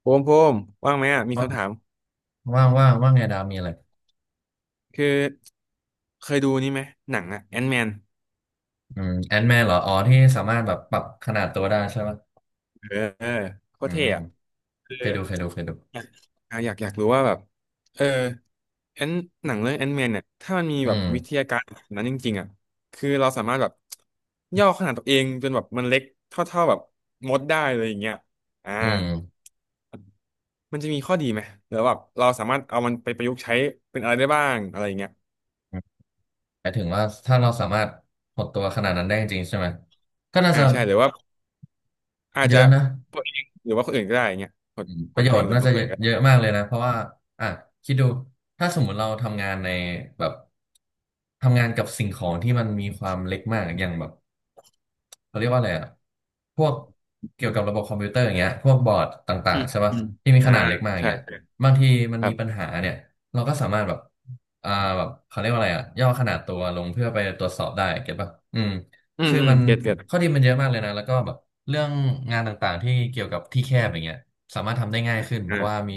โพมโพมว่างไหมอ่ะมีว่าคำถามว่างไงดาวมีอะไรคือเคยดูนี่ไหมหนังอ่ะแอนแมนแอนแมนเหรออ๋อที่สามารถแบบปรับขนาดตัวได้ใช่ไหมเออเออโคอืตรเท่มอ่ะคือเคยดูอยากอ่ะอยากอยากรู้ว่าแบบเออแอนหนังเรื่องแอนแมนเนี่ยถ้ามันมีอืแบบวิทมยาการแบบนั้นจริงๆอ่ะคือเราสามารถแบบย่อขนาดตัวเองจนแบบมันเล็กเท่าๆแบบมดได้เลยอย่างเงี้ยอ่าอืมมันจะมีข้อดีไหมหรือว่าแบบเราสามารถเอามันไปประยุกต์ใช้เป็นอะไรได้บ้างอะไรอย่างเงี้ยหมายถึงว่าถ้าเราสามารถหดตัวขนาดนั้นได้จริงๆใช่ไหมก็น่าอ่าจะใช่หรือว่าอาจเยจะอะนะ หรือว่าคนอื่นก็ได้อย่างเงี้ยหดอืมปหระดโยตัวเอชงน์หรือน่าว่าจะคนอื่นเยก็ อะมากเลยนะเพราะว่าอ่ะคิดดูถ้าสมมุติเราทำงานในแบบทำงานกับสิ่งของที่มันมีความเล็กมากอย่างแบบเขาเรียกว่าอะไรอ่ะพวกเกี่ยวกับระบบคอมพิวเตอร์อย่างเงี้ยพวกบอร์ดต่าอืงมๆใช่ป่ะอืมที่มีอ่าขนาดเล็กมากอย่างใช่เงี้ยใช่บางทีมันครัมีบปัญหาเนี่ยเราก็สามารถแบบอ่าแบบเขาเรียกว่าอะไรอ่ะย่อขนาดตัวลงเพื่อไปตรวจสอบได้เก็ตป่ะอืมอืมคืออืมมันเก็ตเก็ตข้อดีมันเยอะมากเลยนะแล้วก็แบบเรื่องงานต่างๆที่เกี่ยวกับที่แคบอย่างเงี้ย สามารถทำได้ง่ายขึ้นเพราะว่าอ่ามี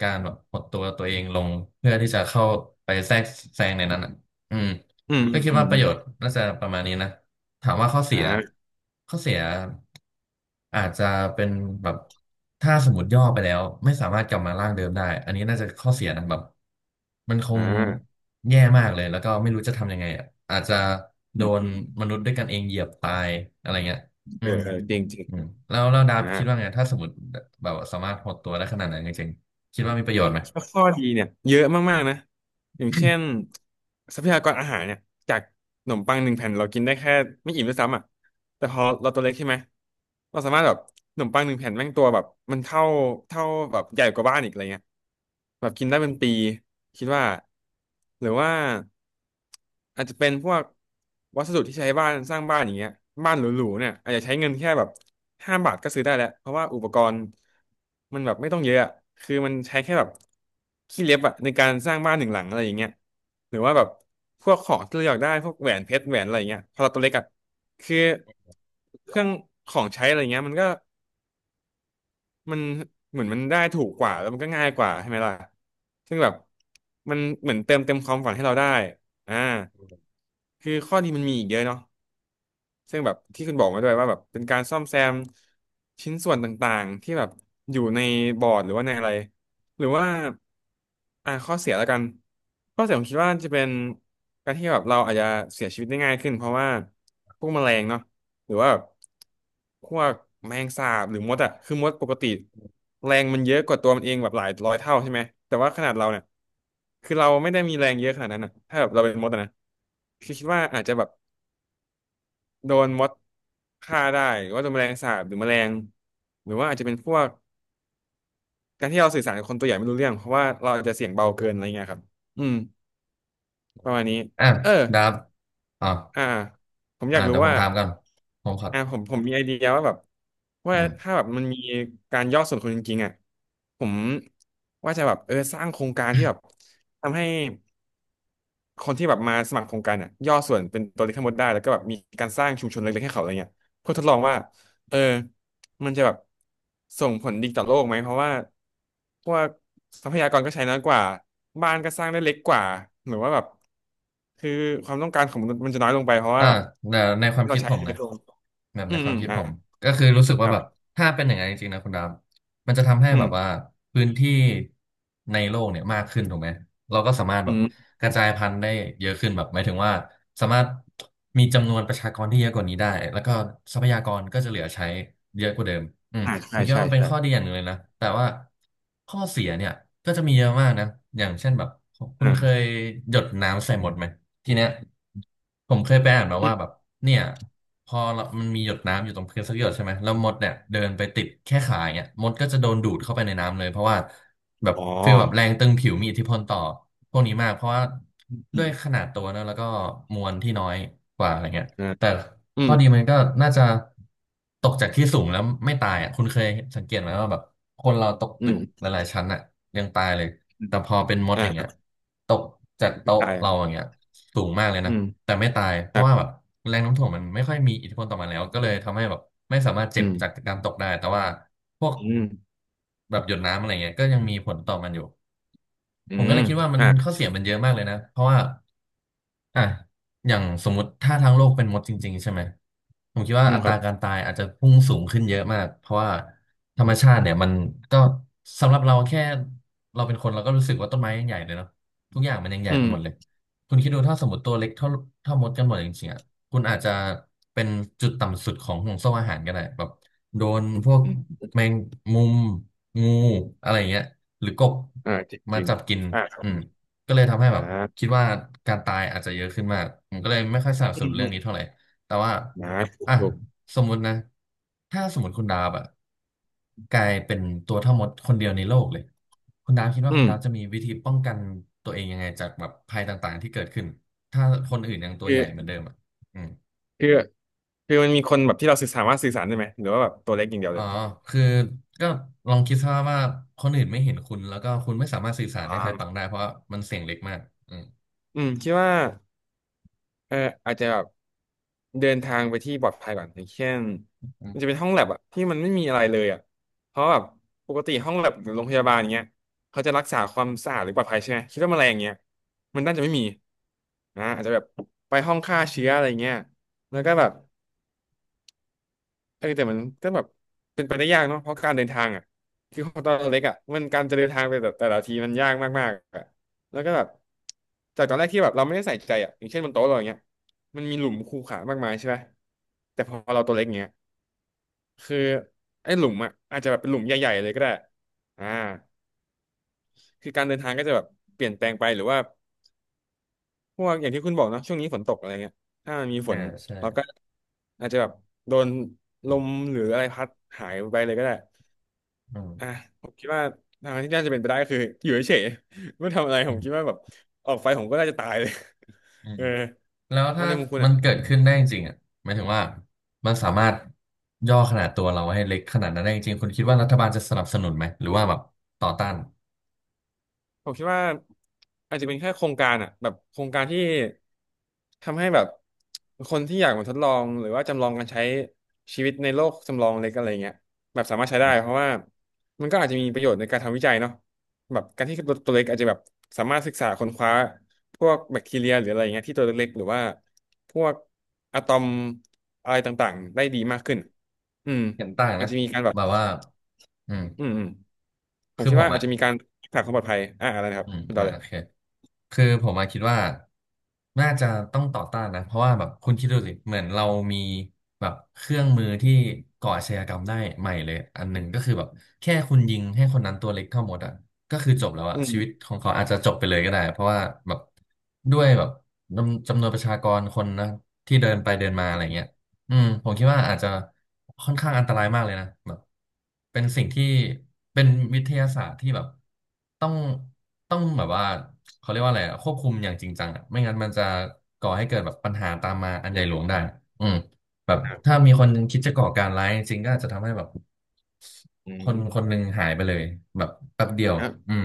การแบบหดตัวเองลงเพื่อที่จะเข้าไปแทรกแซงในนั้นอ่ะอืมอืมอืก็มคิดอืว่ามประโยชน์อน่าจะประมาณนี้นะถามว่าข้อเสีย่าข้อเสียอาจจะเป็นแบบถ้าสมมติย่อไปแล้วไม่สามารถกลับมาร่างเดิมได้อันนี้น่าจะข้อเสียนะแบบมันคอ่งาแย่มากเลยแล้วก็ไม่รู้จะทำยังไงอะอาจจะอโดมนอืมมนุษย์ด้วยกันเองเหยียบตายอะไรเงี้ยอืเออม เออจริงจริงอืมแล้วดับอ่าคิดว่าไงถ้าสมมติแบบสามารถหดตัวได้ขนาดนั้นจริงๆคิดว่ามีประโยชน์ไหมแล้วข้อดีเนี่ยเยอะมากๆนะอย่างเช่นทรัพยากรอาหารเนี่ยจากขนมปังหนึ่งแผ่นเรากินได้แค่ไม่อิ่มด้วยซ้ำอ่ะแต่พอเราตัวเล็กใช่ไหมเราสามารถแบบขนมปังหนึ่งแผ่นแม่งตัวแบบมันเท่าแบบใหญ่กว่าบ้านอีกอะไรเงี้ย แบบกินได้เป็นปีคิดว่าหรือว่าอาจจะเป็นพวกวัสดุที่ใช้บ้านสร้างบ้านอย่างเงี้ยบ้านหรูๆเนี่ยอาจจะใช้เงินแค่แบบ5 บาทก็ซื้อได้แล้วเพราะว่าอุปกรณ์มันแบบไม่ต้องเยอะอะคือมันใช้แค่แบบขี้เล็บอะในการสร้างบ้านหนึ่งหลังอะไรอย่างเงี้ยหรือว่าแบบพวกของที่เราอยากได้พวกแหวนเพชรแหวนอะไรอย่างเงี้ยพอเราตัวเล็กอะคือเครื่องของใช้อะไรเงี้ยมันก็ มันเหมือนมันได้ถูกกว่าแล้วมันก็ง่ายกว่าใช่ไหมล่ะ ซึ่งแบบมันเหมือนเติมเต็มความฝันให้เราได้อ่าคือข้อดีมันมีอีกเยอะเนาะ ซึ่งแบบที่คุณบอกมาด้วยว่าแบบเป็นการซ่อมแซมชิ้นส่วนต่างๆที่แบบอยู่ในบอร์ดหรือว่าในอะไรหรือว่าอ่าข้อเสียแล้วกันข้อเสียผมคิดว่าจะเป็นการที่แบบเราอาจจะเสียชีวิตได้ง่ายขึ้นเพราะว่าพวกแมลงเนาะหรือว่าแบบพวกแมลงสาบหรือมดอะคือมดปกติแรงมันเยอะกว่าตัวมันเองแบบหลายร้อยเท่าใช่ไหมแต่ว่าขนาดเราเนี่ยคือเราไม่ได้มีแรงเยอะขนาดนั้นอะถ้าแบบเราเป็นมดอะนะคือคิดว่าอาจจะแบบ โดนมดฆ่าได้หรือว่าโดนแมลงสาบหรือแมลงหรือว่าอาจจะเป็นพวกการที่เราสื่อสารกับคนตัวใหญ่ไม่รู้เรื่อง เพราะว่าเราอาจจะเสียงเบาเกินอะไรเงี้ยครับอืมประมาณนี้อ่ะเออดับอ่ะอ่าผมออ่ะยากรู้เดี๋ยวผว่ามถามก่อนผมขออ่าผมมีไอเดียว่าแบบว่าอืม ถ้าแบบมันมีการย่อส่วนคนจริงๆอ่ะผมว่าจะแบบสร้างโครงการที่แบบทำให้ คนที่แบบมาสมัครโครงการเนี่ยย่อส่วนเป็นตัวเลขทั้งหมดได้แล้วก็แบบมีการสร้างชุมชนเล็กๆให้เขาอะไรเงี้ยเพื่อทดลองว่าเออมันจะแบบส่งผลดีต่อโลกไหมเพราะว่าพวกทรัพยากรก็ใช้น้อยกว่าบ้านก็สร้างได้เล็กกว่าหรือว่าแบบคือความต้องการของมนุษย์มันจะน้อยลงไปเพราะอ่าว่าแบบแต่ในความที่เราคิดใช้ผมจะเล็นะกลงแบบอืในมคอืวามมคิดอ่าผมก็คือรู้สึกคว่ารัแบบบถ้าเป็นอย่างนั้นจริงๆนะคุณดาวมันจะทำให้อืแบมบว่าพื้นที่ในโลกเนี่ยมากขึ้นถูกไหมเราก็สามารถแบอืบมกระจายพันธุ์ได้เยอะขึ้นแบบหมายถึงว่าสามารถมีจำนวนประชากรที่เยอะกว่านี้ได้แล้วก็ทรัพยากรก็จะเหลือใช้เยอะกว่าเดิมอืมอ่าผใช่มคิดใช่ว่ามันเป็นใช่ข้อดีอย่างหนึ่งเลยนะแต่ว่าข้อเสียเนี่ยก็จะมีเยอะมากนะอย่างเช่นแบบคุณอ่าเคยหยดน้ำใส่หมดไหม ทีเนี้ยผมเคยไปอ่านมาอืว่ามแบบเนี่ยพอเรามันมีหยดน้ำอยู่ตรงพื้นสักหยดใช่ไหมแล้วมดเนี่ยเดินไปติดแค่ขาอย่างเงี้ยมดก็จะโดนดูดเข้าไปในน้ำเลยเพราะว่าแบบอ๋อฟีลแบบแรงตึงผิวมีอิทธิพลต่อพวกนี้มากเพราะว่าอด้ืวยขมนาดตัวเนอะแล้วก็มวลที่น้อยกว่าอะไรเงี้ยอ่าแต่ อืข้อมดีมันก็น่าจะตกจากที่สูงแล้วไม่ตายอ่ะคุณเคยสังเกตไหมว่าแบบคนเราตกอืตึกหมลายๆชั้นอ่ะยังตายเลยอมแต่พอเป็นมดออ่าย่างครัเงี้ยบตกจากเข้าโต๊ะใจเราอย่างเงี้ยสูงมากเลยอืนะมแต่ไม่ตายเพครัราะบว่าแบบแรงโน้มถ่วงมันไม่ค่อยมีอิทธิพลต่อมันแล้วก็เลยทำให้แบบไม่สามารถเจ็อืบม จากการตกได้แต่ว่าพวกอืมแบบหยดน้ำอะไรเงี้ยก็ยังมีผลต่อมันอยู่อืผมก็มเลยคิดว่ามันอ่าข้อเสียมันเยอะมากเลยนะเพราะว่า อ่ะอย่างสมมติถ้าทั้งโลกเป็นมดจริงๆใช่ไหมผมคิดว่าอืมอัตครัราบการตายอาจจะพุ่งสูงขึ้นเยอะมากเพราะว่าธรรมชาติเนี่ยมันก็สำหรับเราแค่เราเป็นคนเราก็รู้สึกว่าต้นไม้ยังใหญ่เลยเนาะทุกอย่างมันยังใหญ่อืไปหมดเลยมคุณคิดดูถ้าสมมติตัวเล็กเท่ามดกันหมดจริงๆอ่ะคุณอาจจะเป็นจุดต่ำสุดของห่วงโซ่อาหารก็ได้แบบโดนพวกอืมแมงมุมงูอะไรอย่างเงี้ยหรือกบอ่าจริงจมาริงจับกินอ่าครัอืบม ก็เลยทำให้แบอ่บาคิดว่าการตายอาจจะเยอะขึ้นมากผมก็เลยไม่ค่อยสนับอืสนุมนเรื่อืองมนี้เท่าไหร่ แต่ว่านะถูกอ่ะถูกสมมุตินะถ้าสมมติคุณดาบอะกลายเป็นตัวเท่ามดคนเดียวในโลกเลยคุณดาบคิดว่าอืคุณมดาบจะมีวิธีป้องกันตัวเองยังไงจากแบบภัยต่างๆที่เกิดขึ้นถ้าคนอื่นยังตัวคืใหอญ่เหมือนเดิมอ่ะอืมคือมันมีคนแบบที่เราสื่อสามารถสื่อสารได้ไหมหรือว่าแบบตัวเล็กอย่างเดียวอ๋เลอยคือก็ลองคิดซะว่าคนอื่นไม่เห็นคุณแล้วก็คุณไม่สามารถสื่อสารให้อ่าใครฟังได้เพราะว่ามันเสียงเล็กมากอืมอืมคิดว่า เอออาจจะแบบเดินทางไปที่ปลอดภัยก่อนอย่างเช่นอืมัมนจะเป็นห้องแลบอะที่มันไม่มีอะไรเลยอะเพราะแบบปกติห้องแลบหรือโรงพยาบาลอย่างเงี้ยเขาจะรักษาความสะอาดหรือปลอดภัยใช่ไหมคิดว่าแมลงอย่างเงี้ยมันน่าจะไม่มีนะอาจจะแบบไปห้องฆ่าเชื้ออะไรเงี้ยแล้วก็แบบ แต่มันก็แบบเป็นไปได้ยากเนาะเพราะการเดินทางอ่ะคือของตอนเล็กอ่ะมันการจะเดินทางไปแต่ละทีมันยากมากๆอ่ะแล้วก็แบบจากตอนแรกที่แบบเราไม่ได้ใส่ใจอ่ะอย่างเช่นบนโต๊ะเราอย่างเงี้ยมันมีหลุมคูขามากมายใช่ไหมแต่พอเราตัวเล็กเงี้ยคือไอ้หลุมอ่ะอาจจะแบบเป็นหลุมใหญ่ๆเลยก็ได้อ่าคือการเดินทางก็จะแบบเปลี่ยนแปลงไปหรือว่าพวกอย่างที่คุณบอกเนาะช่วงนี้ฝนตกอะไรเงี้ยถ้ามันมีฝอ่านใช่เราก็อาจจะแบบโดนลมหรืออะไรพัดหายไปเลยก็ได้ อืมอ่ะผมคิดว่าทางที่น่าจะเป็นไปได้ก็คืออยู่เฉยๆไม่ทำอะไรผอมคิดว่าแบบออกไปผมก็น่าจะตายเลย ื เอม อแล้วอัถ้านในมุมคุณมัอ่ะ นเกิดขึ้นได้จริงๆอ่ะหมายถึงว่ามันสามารถย่อขนาดตัวเราให้เล็กขนาดนั้นได้จริงๆคุณคิดว่ารัฐบาลจะสนับสนุนไหมหรือว่าแบบต่อต้านผมคิดว่าอาจจะเป็นแค่โครงการอ่ะแบบโครงการที่ทำให้แบบคนที่อยากมาทดลองหรือว่าจำลองการใช้ชีวิตในโลกจำลองเล็กอะไรเงี้ยแบบสามารถใช้ได้อืมเพราะว่ามันก็อาจจะมีประโยชน์ในการทำวิจัยเนาะแบบการที่ตัวเล็กอาจจะแบบสามารถศึกษาค้นคว้าพวกแบคทีเรียหรืออะไรเงี้ยที่ตัวเล็กๆหรือว่าพวกอะตอมอะไรต่างๆได้ดีมากขึ้นอืมเห็นต่างอาจนะจะมีการแบบแบบว่าอืมอืมผมคือคิดผมว่าอาจอ่ะจะมีการรักษาความปลอดภัยอะไรนะครับอืมคุณต่อเลโอยเค คือผมมาคิดว่าน่าจะต้องต่อต้านนะเพราะว่าแบบคุณคิดดูสิเหมือนเรามีแบบเครื่องมือที่ก่ออาชญากรรมได้ใหม่เลยอันหนึ่งก็คือแบบแค่คุณยิงให้คนนั้นตัวเล็กเท่ามดอ่ะก็คือจบแล้วอ่ะอืม ชีวิตของเขาอาจจะจบไปเลยก็ได้เพราะว่าแบบด้วยแบบจำนวนประชากรคนนะที่เดินไปเดินมาอะไรเงี้ย อืมผมคิดว่าอาจจะค่อนข้างอันตรายมากเลยนะแบบเป็นสิ่งที่เป็นวิทยาศาสตร์ที่แบบต้องต้องแบบว่าเขาเรียกว่าอะไรอะควบคุมอย่างจริงจังอะไม่งั้นมันจะก่อให้เกิดแบบปัญหาตามมาอันใหญ่หลวงได้อืมแบบครับถ้ามีคนหนึงคิดจะก่อการร้ายจริงก็อาจจะทำให้แบบอืคนคนหมนึ่งหายไปเลยแบบแป๊บเดียวครัอืบม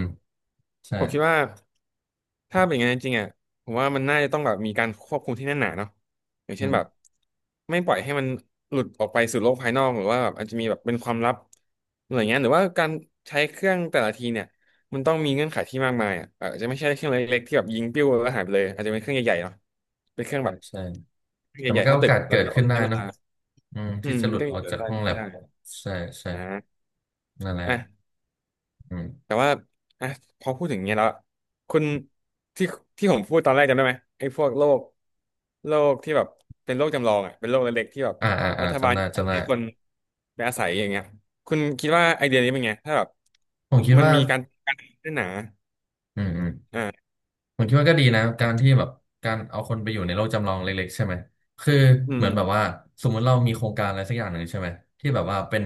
ใช่ผมคิดว่าถ้าเป็นอย่างนั้นจริงๆอ่ะผมว่ามันน่าจะต้องแบบมีการควบคุมที่แน่นหนาเนาะอย่างอืเช่นแบบมไม่ปล่อยให้มันหลุดออกไปสู่โลกภายนอกหรือว่าแบบอาจจะมีแบบเป็นความลับอะไรเงี้ยหรือว่าการใช้เครื่องแต่ละทีเนี่ยมันต้องมีเงื่อนไขที่มากมายอ่ะอาจจะไม่ใช่เครื่องเล็กๆที่แบบยิงปิ้วแล้วหายไปเลยอาจจะเป็นเครื่องใหญ่ๆเนาะเป็นเครื่องใช่แบบใช่เครื่อแต่งใหมัญ่นๆก็เท่าโอตึกกาสแล้เกิวก็ดต้อขึ้งนได้ใช้เวเนอะลาอืมอืที่มจะหลุดก็อมีอกเกิดจากได้ห้องนะแลบใช่ใช่ใช่อ่านั่นแหละอ่ะ อืม แต่ว่าอ่ะพอพูดถึงอย่างเงี้ยแล้วคุณที่ที่ผมพูดตอนแรกจำได้ไหมไอ้พวกโรคที่แบบเป็นโรคจำลองอ่ะเป็นโรคเล็กๆที่แบบอ่าอ่าอ่ารัฐบาจำลได้จำได้ให้คนไปอาศัยอย่างเงี้ยคุณคิดว่าไอเดียนี้เป็นไงถ้าแบบผมคิดมันว่ามีการกันนหนาอืมอืมอ่าผมคิดว่าก็ดีนะการที่แบบการเอาคนไปอยู่ในโลกจำลองเล็กๆใช่ไหมคืออืเหมืมอนแบบว่าสมมุติเรามีโครงการอะไรสักอย่างหนึ่งใช่ไหมที่แบบว่าเป็น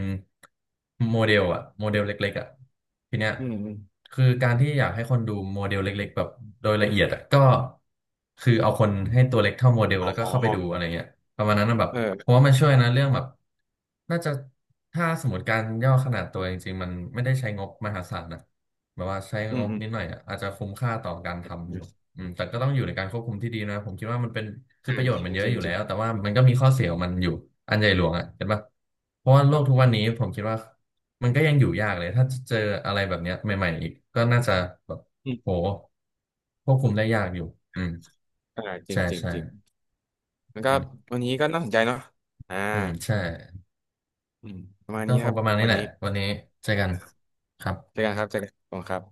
โมเดลอะโมเดลเล็กๆอะทีเนี้ยอืมอมคือการที่อยากให้คนดูโมเดลเล็กๆแบบโดยละเอียดอะก็คือเอาคนให้ตัวเล็กเท่าโมเดลอแล้วก็๋อเข้าไปดูอะไรเงี้ยประมาณนั้นนะแบบเพเออราะว่ามันช่วยนะเรื่องแบบน่าจะถ้าสมมติการย่อขนาดตัวจริงๆมันไม่ได้ใช้งบมหาศาลนะ แบบว่าใช้อืงมบอืมนิดหน่อยอะอาจจะคุ้มค่าต่อการทอืมำอืมแต่ก็ต้องอยู่ในการควบคุมที่ดีนะผมคิดว่ามันเป็นคือประโยชจน์ริมังนเยจอะริองยู่จแล้ริงวแต่ว่ามันก็มีข้อเสียของมันอยู่อันใหญ่หลวงอ่ะเห็นปะเพราะว่าโลคกรับทุกวันนี้ผมคิดว่ามันก็ยังอยู่ยากเลยถ้าเจออะไรแบบเนี้ยใหม่ๆอีกก็น่าจะแบบอืโหมควบคุมได้ยากอยู่อืมอ่าจริงใช่จริงใช่จริงแล้วก็อืมวันนี้ก็น่าสนใจเนาะอ่าอืมใช่อืมประมาณก็นี้คนะคงรับประมาณนี้วันแหละนี้ วันนี้เจอกันครับเจอกันครับเจอกันขอบคุณครับ